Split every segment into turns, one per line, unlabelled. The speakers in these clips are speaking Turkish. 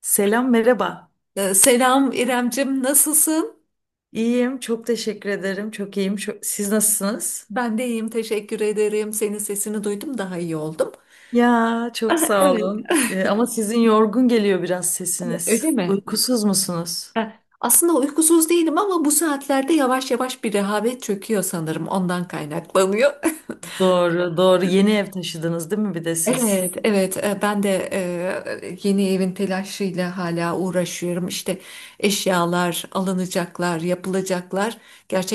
Selam, merhaba.
Selam İremcim, nasılsın?
İyiyim, çok teşekkür ederim. Çok iyiyim. Siz nasılsınız?
Ben de iyiyim, teşekkür ederim. Senin sesini duydum, daha iyi oldum.
Ya, çok
Ah,
sağ
evet,
olun. Ama sizin yorgun geliyor biraz
öyle
sesiniz.
mi?
Uykusuz musunuz?
Ha, aslında uykusuz değilim ama bu saatlerde yavaş yavaş bir rehavet çöküyor sanırım. Ondan kaynaklanıyor.
Doğru, doğru. Yeni ev taşıdınız değil mi bir de siz?
Evet, evet. Ben de yeni evin telaşıyla hala uğraşıyorum. İşte eşyalar alınacaklar, yapılacaklar.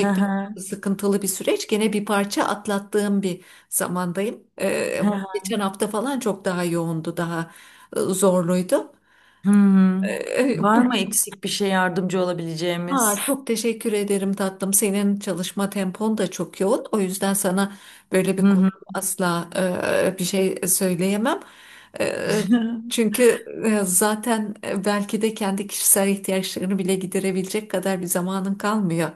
Hı hı,
sıkıntılı bir süreç. Gene bir parça atlattığım bir zamandayım.
hı hı.
Geçen hafta falan çok daha yoğundu, daha zorluydu.
Hmm. Var mı
Bugün.
eksik bir şey yardımcı
Aa,
olabileceğimiz?
çok teşekkür ederim tatlım. Senin çalışma tempon da çok yoğun. O yüzden sana böyle
Hı
bir konu
hı.
asla bir şey söyleyemem. E, Çünkü zaten belki de kendi kişisel ihtiyaçlarını bile giderebilecek kadar bir zamanın kalmıyor.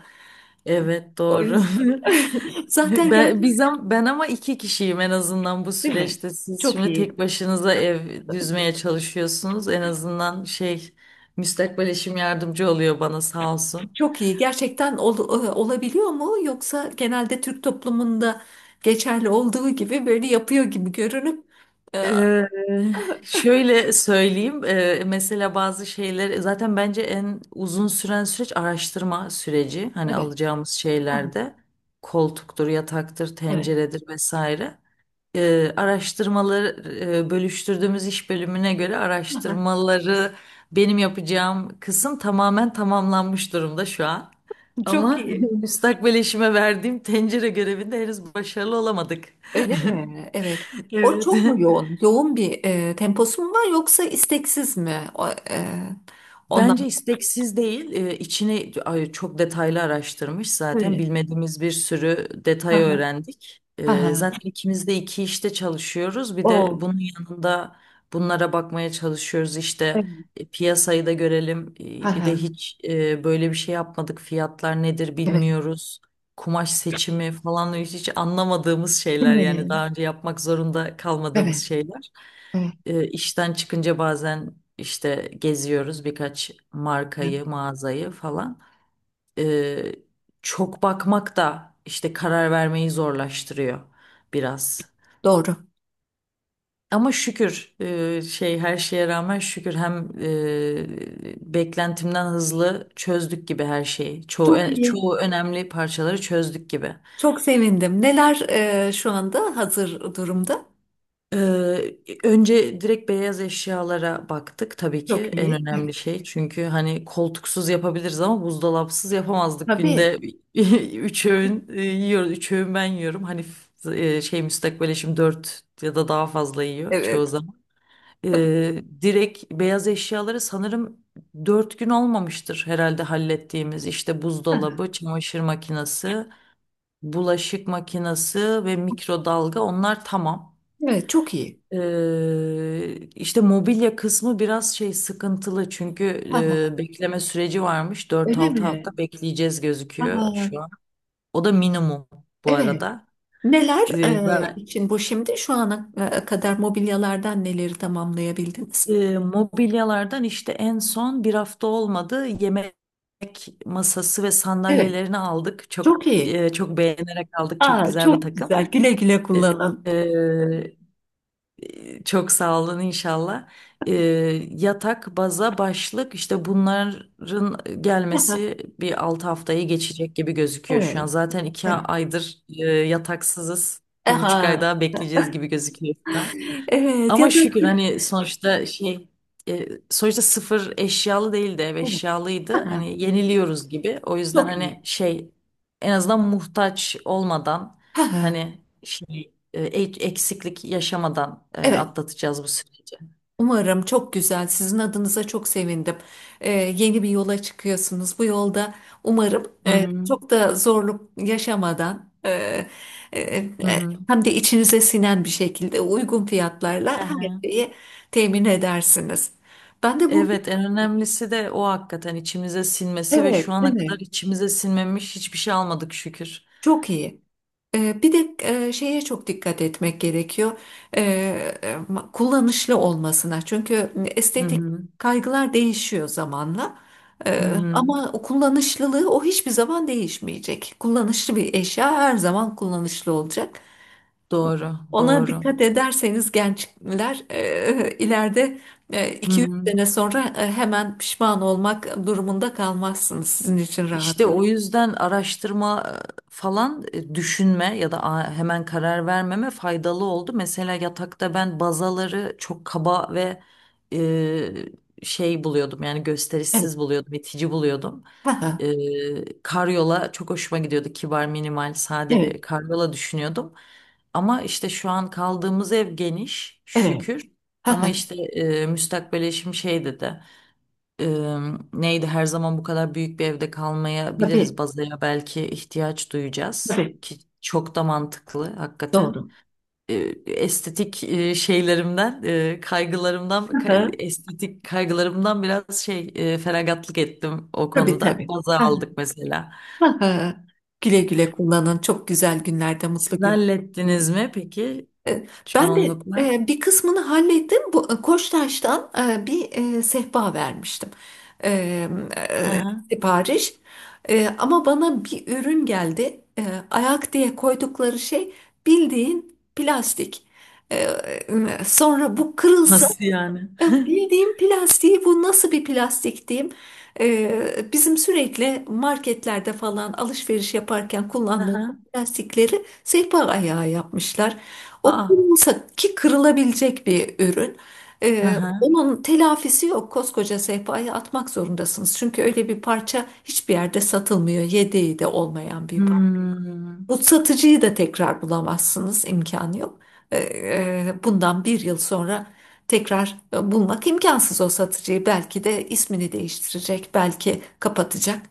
Evet,
O
doğru.
yüzden zaten gerçek,
Ben ama iki kişiyim en azından bu
değil mi?
süreçte. Siz
Çok
şimdi tek
iyi.
başınıza ev düzmeye çalışıyorsunuz. En azından şey müstakbel eşim yardımcı oluyor bana sağ olsun.
Çok iyi. Gerçekten olabiliyor mu? Yoksa genelde Türk toplumunda geçerli olduğu gibi böyle yapıyor gibi görünüp e,
Ee, şöyle söyleyeyim. Mesela bazı şeyler zaten bence en uzun süren süreç araştırma süreci. Hani
evet.
alacağımız şeylerde koltuktur, yataktır,
Evet.
tenceredir vesaire. Araştırmaları bölüştürdüğümüz iş bölümüne göre
Aha.
araştırmaları benim yapacağım kısım tamamen tamamlanmış durumda şu an.
Çok
Ama
iyi.
müstakbel eşime verdiğim tencere görevinde henüz başarılı olamadık.
Öyle mi? Evet. O
Evet.
çok mu yoğun? Yoğun bir temposu mu var yoksa isteksiz mi? O, ondan.
Bence isteksiz değil, içini ay, çok detaylı araştırmış zaten
Öyle.
bilmediğimiz bir sürü detay
Aha.
öğrendik.
Aha.
Zaten ikimiz de iki işte çalışıyoruz. Bir de
O.
bunun yanında bunlara bakmaya çalışıyoruz
Evet.
işte, piyasayı da görelim. Bir de
Aha.
hiç böyle bir şey yapmadık. Fiyatlar nedir
Evet.
bilmiyoruz. Kumaş seçimi falan hiç, hiç anlamadığımız
Değil
şeyler, yani
mi?
daha önce yapmak zorunda kalmadığımız
Evet.
şeyler.
Evet.
E, işten çıkınca bazen işte geziyoruz birkaç
Evet.
markayı, mağazayı falan. E, çok bakmak da işte karar vermeyi zorlaştırıyor biraz.
Doğru.
Ama şükür, şey, her şeye rağmen şükür hem beklentimden hızlı çözdük gibi her şeyi. Çoğu
Çok
e,
iyi.
çoğu önemli parçaları çözdük gibi.
Çok sevindim. Neler şu anda hazır durumda?
Ee, önce direkt beyaz eşyalara baktık, tabii ki
Çok
en
iyi. Evet.
önemli şey. Çünkü hani koltuksuz yapabiliriz ama buzdolapsız yapamazdık.
Tabii.
Günde 3 öğün yiyoruz. 3 öğün ben yiyorum. Hani şey müstakbel eşim dört ya da daha fazla yiyor
Evet.
çoğu zaman. Direkt beyaz eşyaları sanırım 4 gün olmamıştır herhalde hallettiğimiz. İşte
Aha.
buzdolabı, çamaşır makinesi, bulaşık makinesi ve mikrodalga, onlar tamam.
Evet, çok iyi.
İşte mobilya kısmı biraz şey sıkıntılı, çünkü
Aha.
bekleme süreci varmış. dört
Öyle
altı
mi?
hafta bekleyeceğiz gözüküyor
Aha.
şu an. O da minimum bu
Evet.
arada.
Neler
Ee, ben,
için bu şimdi? Şu ana kadar mobilyalardan neleri tamamlayabildiniz?
mobilyalardan işte, en son bir hafta olmadı, yemek masası ve
Evet,
sandalyelerini aldık. Çok
çok iyi.
e, çok beğenerek aldık. Çok
Aa,
güzel bir
çok
takım.
güzel. Güle güle kullanın.
E, Çok sağ olun inşallah. Ee, yatak, baza, başlık, işte bunların
Aha,
gelmesi bir 6 haftayı geçecek gibi gözüküyor şu an.
evet,
Zaten iki
evet.
aydır yataksızız. 1,5 ay
Aha,
daha bekleyeceğiz gibi gözüküyor.
evet ya
Ama
da
şükür, hani sonuçta sıfır eşyalı değildi, ev
evet.
eşyalıydı.
Aha,
Hani yeniliyoruz gibi. O yüzden
çok
hani
iyi.
şey, en azından muhtaç olmadan,
Aha,
hani şey, eksiklik yaşamadan
evet.
atlatacağız bu süreci.
Umarım çok güzel. Sizin adınıza çok sevindim. Yeni bir yola çıkıyorsunuz. Bu yolda umarım
Hı hı.
çok da zorluk yaşamadan, e, e,
Hı hı.
hem de içinize sinen bir şekilde uygun fiyatlarla
Hı
her
hı.
şeyi temin edersiniz. Ben de bu,
Evet, en önemlisi de o, hakikaten içimize sinmesi, ve
evet,
şu ana kadar
evet.
içimize sinmemiş hiçbir şey almadık şükür.
Çok iyi. Bir de şeye çok dikkat etmek gerekiyor. Ee, Kullanışlı olmasına. Çünkü
Hı
estetik
hı.
kaygılar değişiyor zamanla.
Hı hı.
Ama o kullanışlılığı o hiçbir zaman değişmeyecek. Kullanışlı bir eşya her zaman kullanışlı olacak.
Doğru,
Ona
doğru.
dikkat ederseniz gençler, ileride
Hı
iki üç
hı.
sene sonra hemen pişman olmak durumunda kalmazsınız. Sizin için rahat
İşte
ol.
o yüzden araştırma, falan, düşünme ya da hemen karar vermeme faydalı oldu. Mesela yatakta ben bazaları çok kaba ve şey buluyordum, yani
Evet.
gösterişsiz buluyordum, itici buluyordum.
Evet.
Karyola çok hoşuma gidiyordu. Kibar, minimal, sade
Evet.
bir karyola düşünüyordum. Ama işte şu an kaldığımız ev geniş
Evet.
şükür. Ama işte müstakbel eşim şey dedi, e, neydi, her zaman bu kadar büyük bir evde kalmayabiliriz.
Tabii,
Bazaya belki ihtiyaç duyacağız,
tabii.
ki çok da mantıklı hakikaten.
Doğru.
E, estetik e, şeylerimden, e, kaygılarımdan,
Hı
kay-
hı.
estetik kaygılarımdan biraz şey, feragatlık ettim o
Tabii,
konuda.
tabii.
Baza
Hı hı.
aldık mesela.
Hı hı. Güle güle kullanın. Çok güzel günlerde, mutlu
Siz
gün.
hallettiniz mi peki
E, Ben de
çoğunlukla?
bir kısmını hallettim. Bu, Koçtaş'tan bir sehpa vermiştim. E,
Hı hı.
Sipariş. Ama bana bir ürün geldi. Ayak diye koydukları şey bildiğin plastik. Sonra bu kırılsa.
Nasıl yani?
Ya, bildiğim plastiği, bu nasıl bir plastik diyeyim? Bizim sürekli marketlerde falan alışveriş yaparken
Hı
kullandığımız
hı.
plastikleri sehpa ayağı yapmışlar. O
Aa.
kırılsa ki kırılabilecek bir ürün.
Hı hı.
Onun telafisi yok. Koskoca sehpayı atmak zorundasınız. Çünkü öyle bir parça hiçbir yerde satılmıyor. Yedeği de olmayan bir parça.
Hmm.
Bu satıcıyı da tekrar bulamazsınız, imkanı yok. Ee, Bundan bir yıl sonra tekrar bulmak imkansız o satıcıyı. Belki de ismini değiştirecek, belki kapatacak.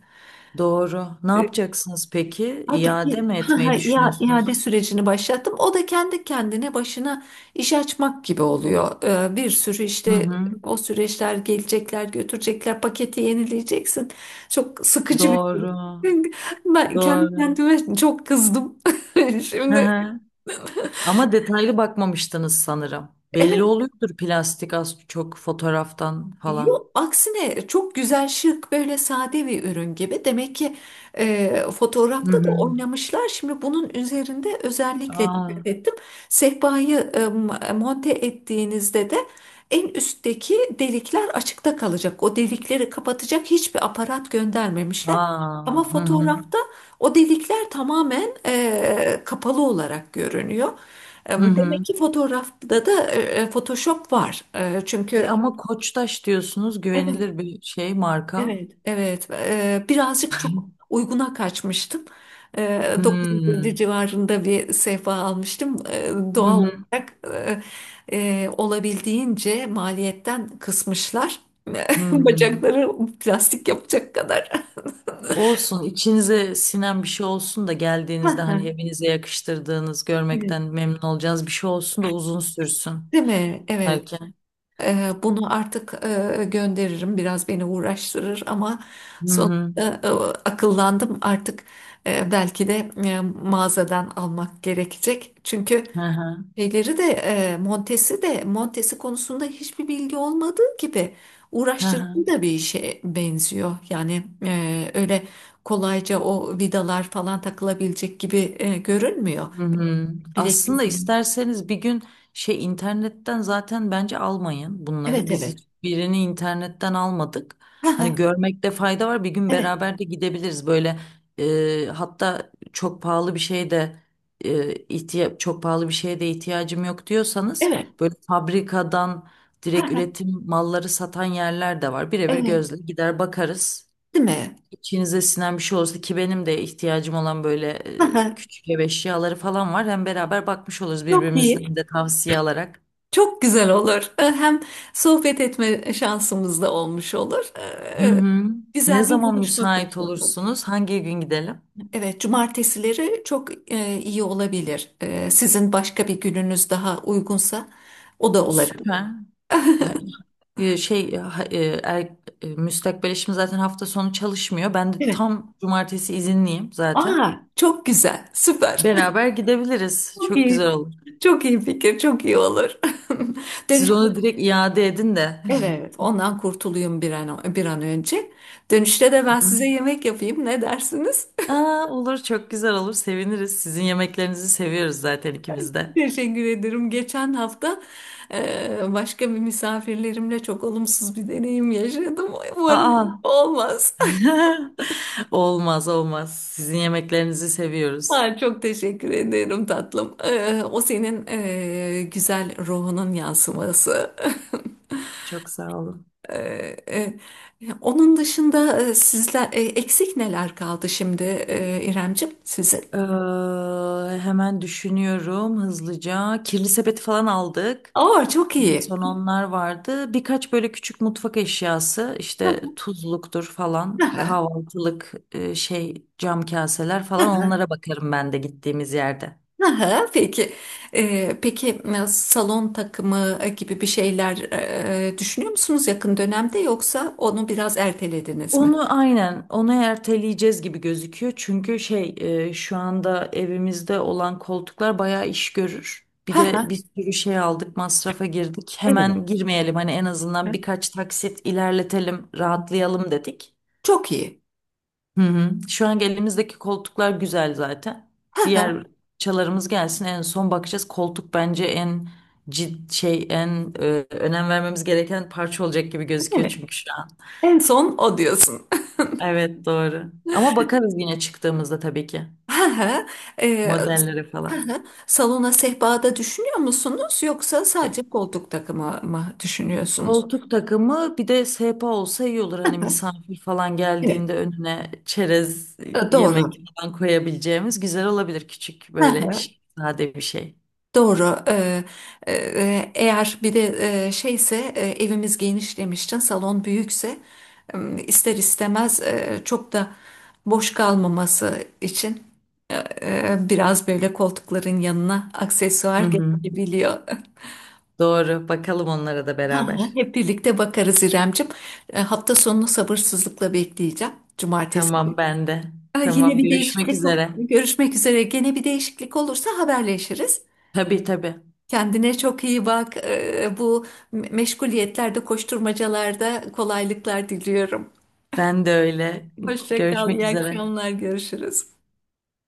Doğru. Ne
Ee,
yapacaksınız peki?
Artık
İade
i-
mi etmeyi
Ya, iade
düşünüyorsunuz?
sürecini başlattım. O da kendi kendine başına iş açmak gibi oluyor. Bir sürü
Hı
işte
hı.
o süreçler, gelecekler, götürecekler, paketi yenileyeceksin. Çok sıkıcı bir süreç.
Doğru.
Ben kendi
Doğru.
kendime çok kızdım.
Hı
Şimdi,
hı. Ama detaylı bakmamıştınız sanırım. Belli
evet.
oluyordur plastik az çok fotoğraftan falan.
Yok, aksine çok güzel, şık, böyle sade bir ürün gibi. Demek ki
Hı
fotoğrafta da
hı.
oynamışlar. Şimdi bunun üzerinde özellikle
Aa,
dikkat ettim. Sehpayı monte ettiğinizde de en üstteki delikler açıkta kalacak. O delikleri kapatacak hiçbir aparat göndermemişler. Ama
aa. Hı hı.
fotoğrafta o delikler tamamen kapalı olarak görünüyor.
Hı
Demek
hı.
ki fotoğrafta da Photoshop var. E, çünkü
Ama Koçtaş diyorsunuz
Evet.
güvenilir bir şey marka.
Evet, evet. Birazcık çok uyguna kaçmıştım.
Hmm.
950 civarında bir sehpa almıştım.
Hı
Doğal
hı.
olarak olabildiğince maliyetten kısmışlar.
Hı hı.
Bacakları plastik yapacak kadar.
Olsun, içinize sinen bir şey olsun da,
Hı
geldiğinizde
hı,
hani evinize yakıştırdığınız, görmekten
evet.
memnun olacağınız bir şey olsun da uzun sürsün
Değil mi? Evet.
belki.
Bunu artık gönderirim. Biraz beni uğraştırır ama
Hı
sonuçta,
hı.
akıllandım. Artık belki de mağazadan almak gerekecek. Çünkü
Hı hı.
şeyleri de, Montesi konusunda hiçbir bilgi olmadığı gibi
Hı hı.
uğraştırıcı da bir işe benziyor. Yani öyle kolayca o vidalar falan takılabilecek gibi görünmüyor.
Hı hı. Aslında
Bilekliğim.
isterseniz bir gün şey, internetten zaten bence almayın bunları.
Evet,
Biz
evet.
hiçbirini internetten almadık.
Ha,
Hani
ha,
görmekte fayda var. Bir gün
evet.
beraber de gidebiliriz. Böyle hatta, çok pahalı bir şeye de ihtiyacım yok diyorsanız,
Evet.
böyle fabrikadan
Ha,
direkt
ha,
üretim malları satan yerler de var. Birebir
evet.
gözle gider bakarız.
Değil mi?
İçinize sinen bir şey olursa, ki benim de ihtiyacım olan böyle
Hı hı.
küçük ev eşyaları falan var. Hem beraber bakmış oluruz,
Çok
birbirimizden
iyi.
de tavsiye alarak.
Çok güzel olur. Hem sohbet etme şansımız da olmuş olur.
Hı hı. Ne
Güzel bir
zaman
buluşma
müsait
fırsatı olur.
olursunuz? Hangi gün gidelim?
Evet, cumartesileri çok iyi olabilir. Sizin başka bir gününüz daha uygunsa o da olabilir.
Süper. Ha- e, Şey ha- e, er, müstakbel eşim zaten hafta sonu çalışmıyor. Ben de
Evet.
tam cumartesi izinliyim zaten.
Aa, çok güzel, süper.
Beraber gidebiliriz.
Çok
Çok güzel
iyi.
olur.
Çok iyi fikir, çok iyi olur. Dönüş,
Siz onu direkt iade edin de.
evet, ondan kurtulayım bir an, bir an önce. Dönüşte de ben size yemek yapayım. Ne dersiniz?
Aa, olur, çok güzel olur, seviniriz. Sizin yemeklerinizi seviyoruz zaten ikimiz de.
Teşekkür ederim. Geçen hafta başka bir misafirlerimle çok olumsuz bir deneyim yaşadım. Umarım
Aa.
olmaz.
Olmaz olmaz. Sizin yemeklerinizi seviyoruz.
Ha, çok teşekkür ederim tatlım. O senin güzel ruhunun yansıması.
Çok sağ olun.
E, e, Onun dışında sizler eksik neler kaldı şimdi, İremcim, sizin?
Hemen düşünüyorum hızlıca. Kirli sepeti falan aldık.
Aa, çok
En
iyi.
son onlar vardı. Birkaç böyle küçük mutfak eşyası, işte tuzluktur falan,
Aha.
kahvaltılık şey, cam kaseler falan, onlara bakarım ben de gittiğimiz yerde.
Aha, peki. Peki, salon takımı gibi bir şeyler düşünüyor musunuz yakın dönemde yoksa onu biraz ertelediniz mi?
Onu, aynen onu erteleyeceğiz gibi gözüküyor. Çünkü şu anda evimizde olan koltuklar bayağı iş görür. Bir
Ha,
de bir sürü şey aldık, masrafa girdik.
evet.
Hemen girmeyelim, hani en
Hı.
azından birkaç taksit ilerletelim, rahatlayalım dedik.
Çok iyi.
Hı hı. Şu an elimizdeki koltuklar güzel zaten.
Ha, aha,
Diğer çalarımız gelsin, en son bakacağız. Koltuk bence en cid şey en e, önem vermemiz gereken parça olacak gibi gözüküyor,
evet.
çünkü şu an.
En son o diyorsun.
Evet doğru. Ama bakarız yine çıktığımızda tabii ki.
Ha, e,
Modellere falan.
aha. Salona sehpada düşünüyor musunuz yoksa
E,
sadece koltuk takımı mı düşünüyorsunuz?
Koltuk takımı bir de sehpa olsa iyi olur. Hani misafir falan
Evet.
geldiğinde önüne çerez, yemek
Doğru.
falan koyabileceğimiz, güzel olabilir. Küçük böyle sade bir şey.
Doğru. Eğer bir de şeyse, evimiz geniş demiştin, salon büyükse e, ister istemez çok da boş kalmaması için e, biraz böyle koltukların yanına aksesuar
Hı hı.
gerekebiliyor.
Doğru. Bakalım onlara da
Hı hı,
beraber.
hep birlikte bakarız İremcim. Hafta sonunu sabırsızlıkla bekleyeceğim. Cumartesi.
Tamam ben de.
E, Yine
Tamam,
bir
görüşmek
değişiklik ol-
üzere.
Görüşmek üzere. Gene bir değişiklik olursa haberleşiriz.
Tabii tabii.
Kendine çok iyi bak. Bu meşguliyetlerde, koşturmacalarda kolaylıklar diliyorum.
Ben de öyle.
Hoşça kal,
Görüşmek
iyi
üzere.
akşamlar, görüşürüz.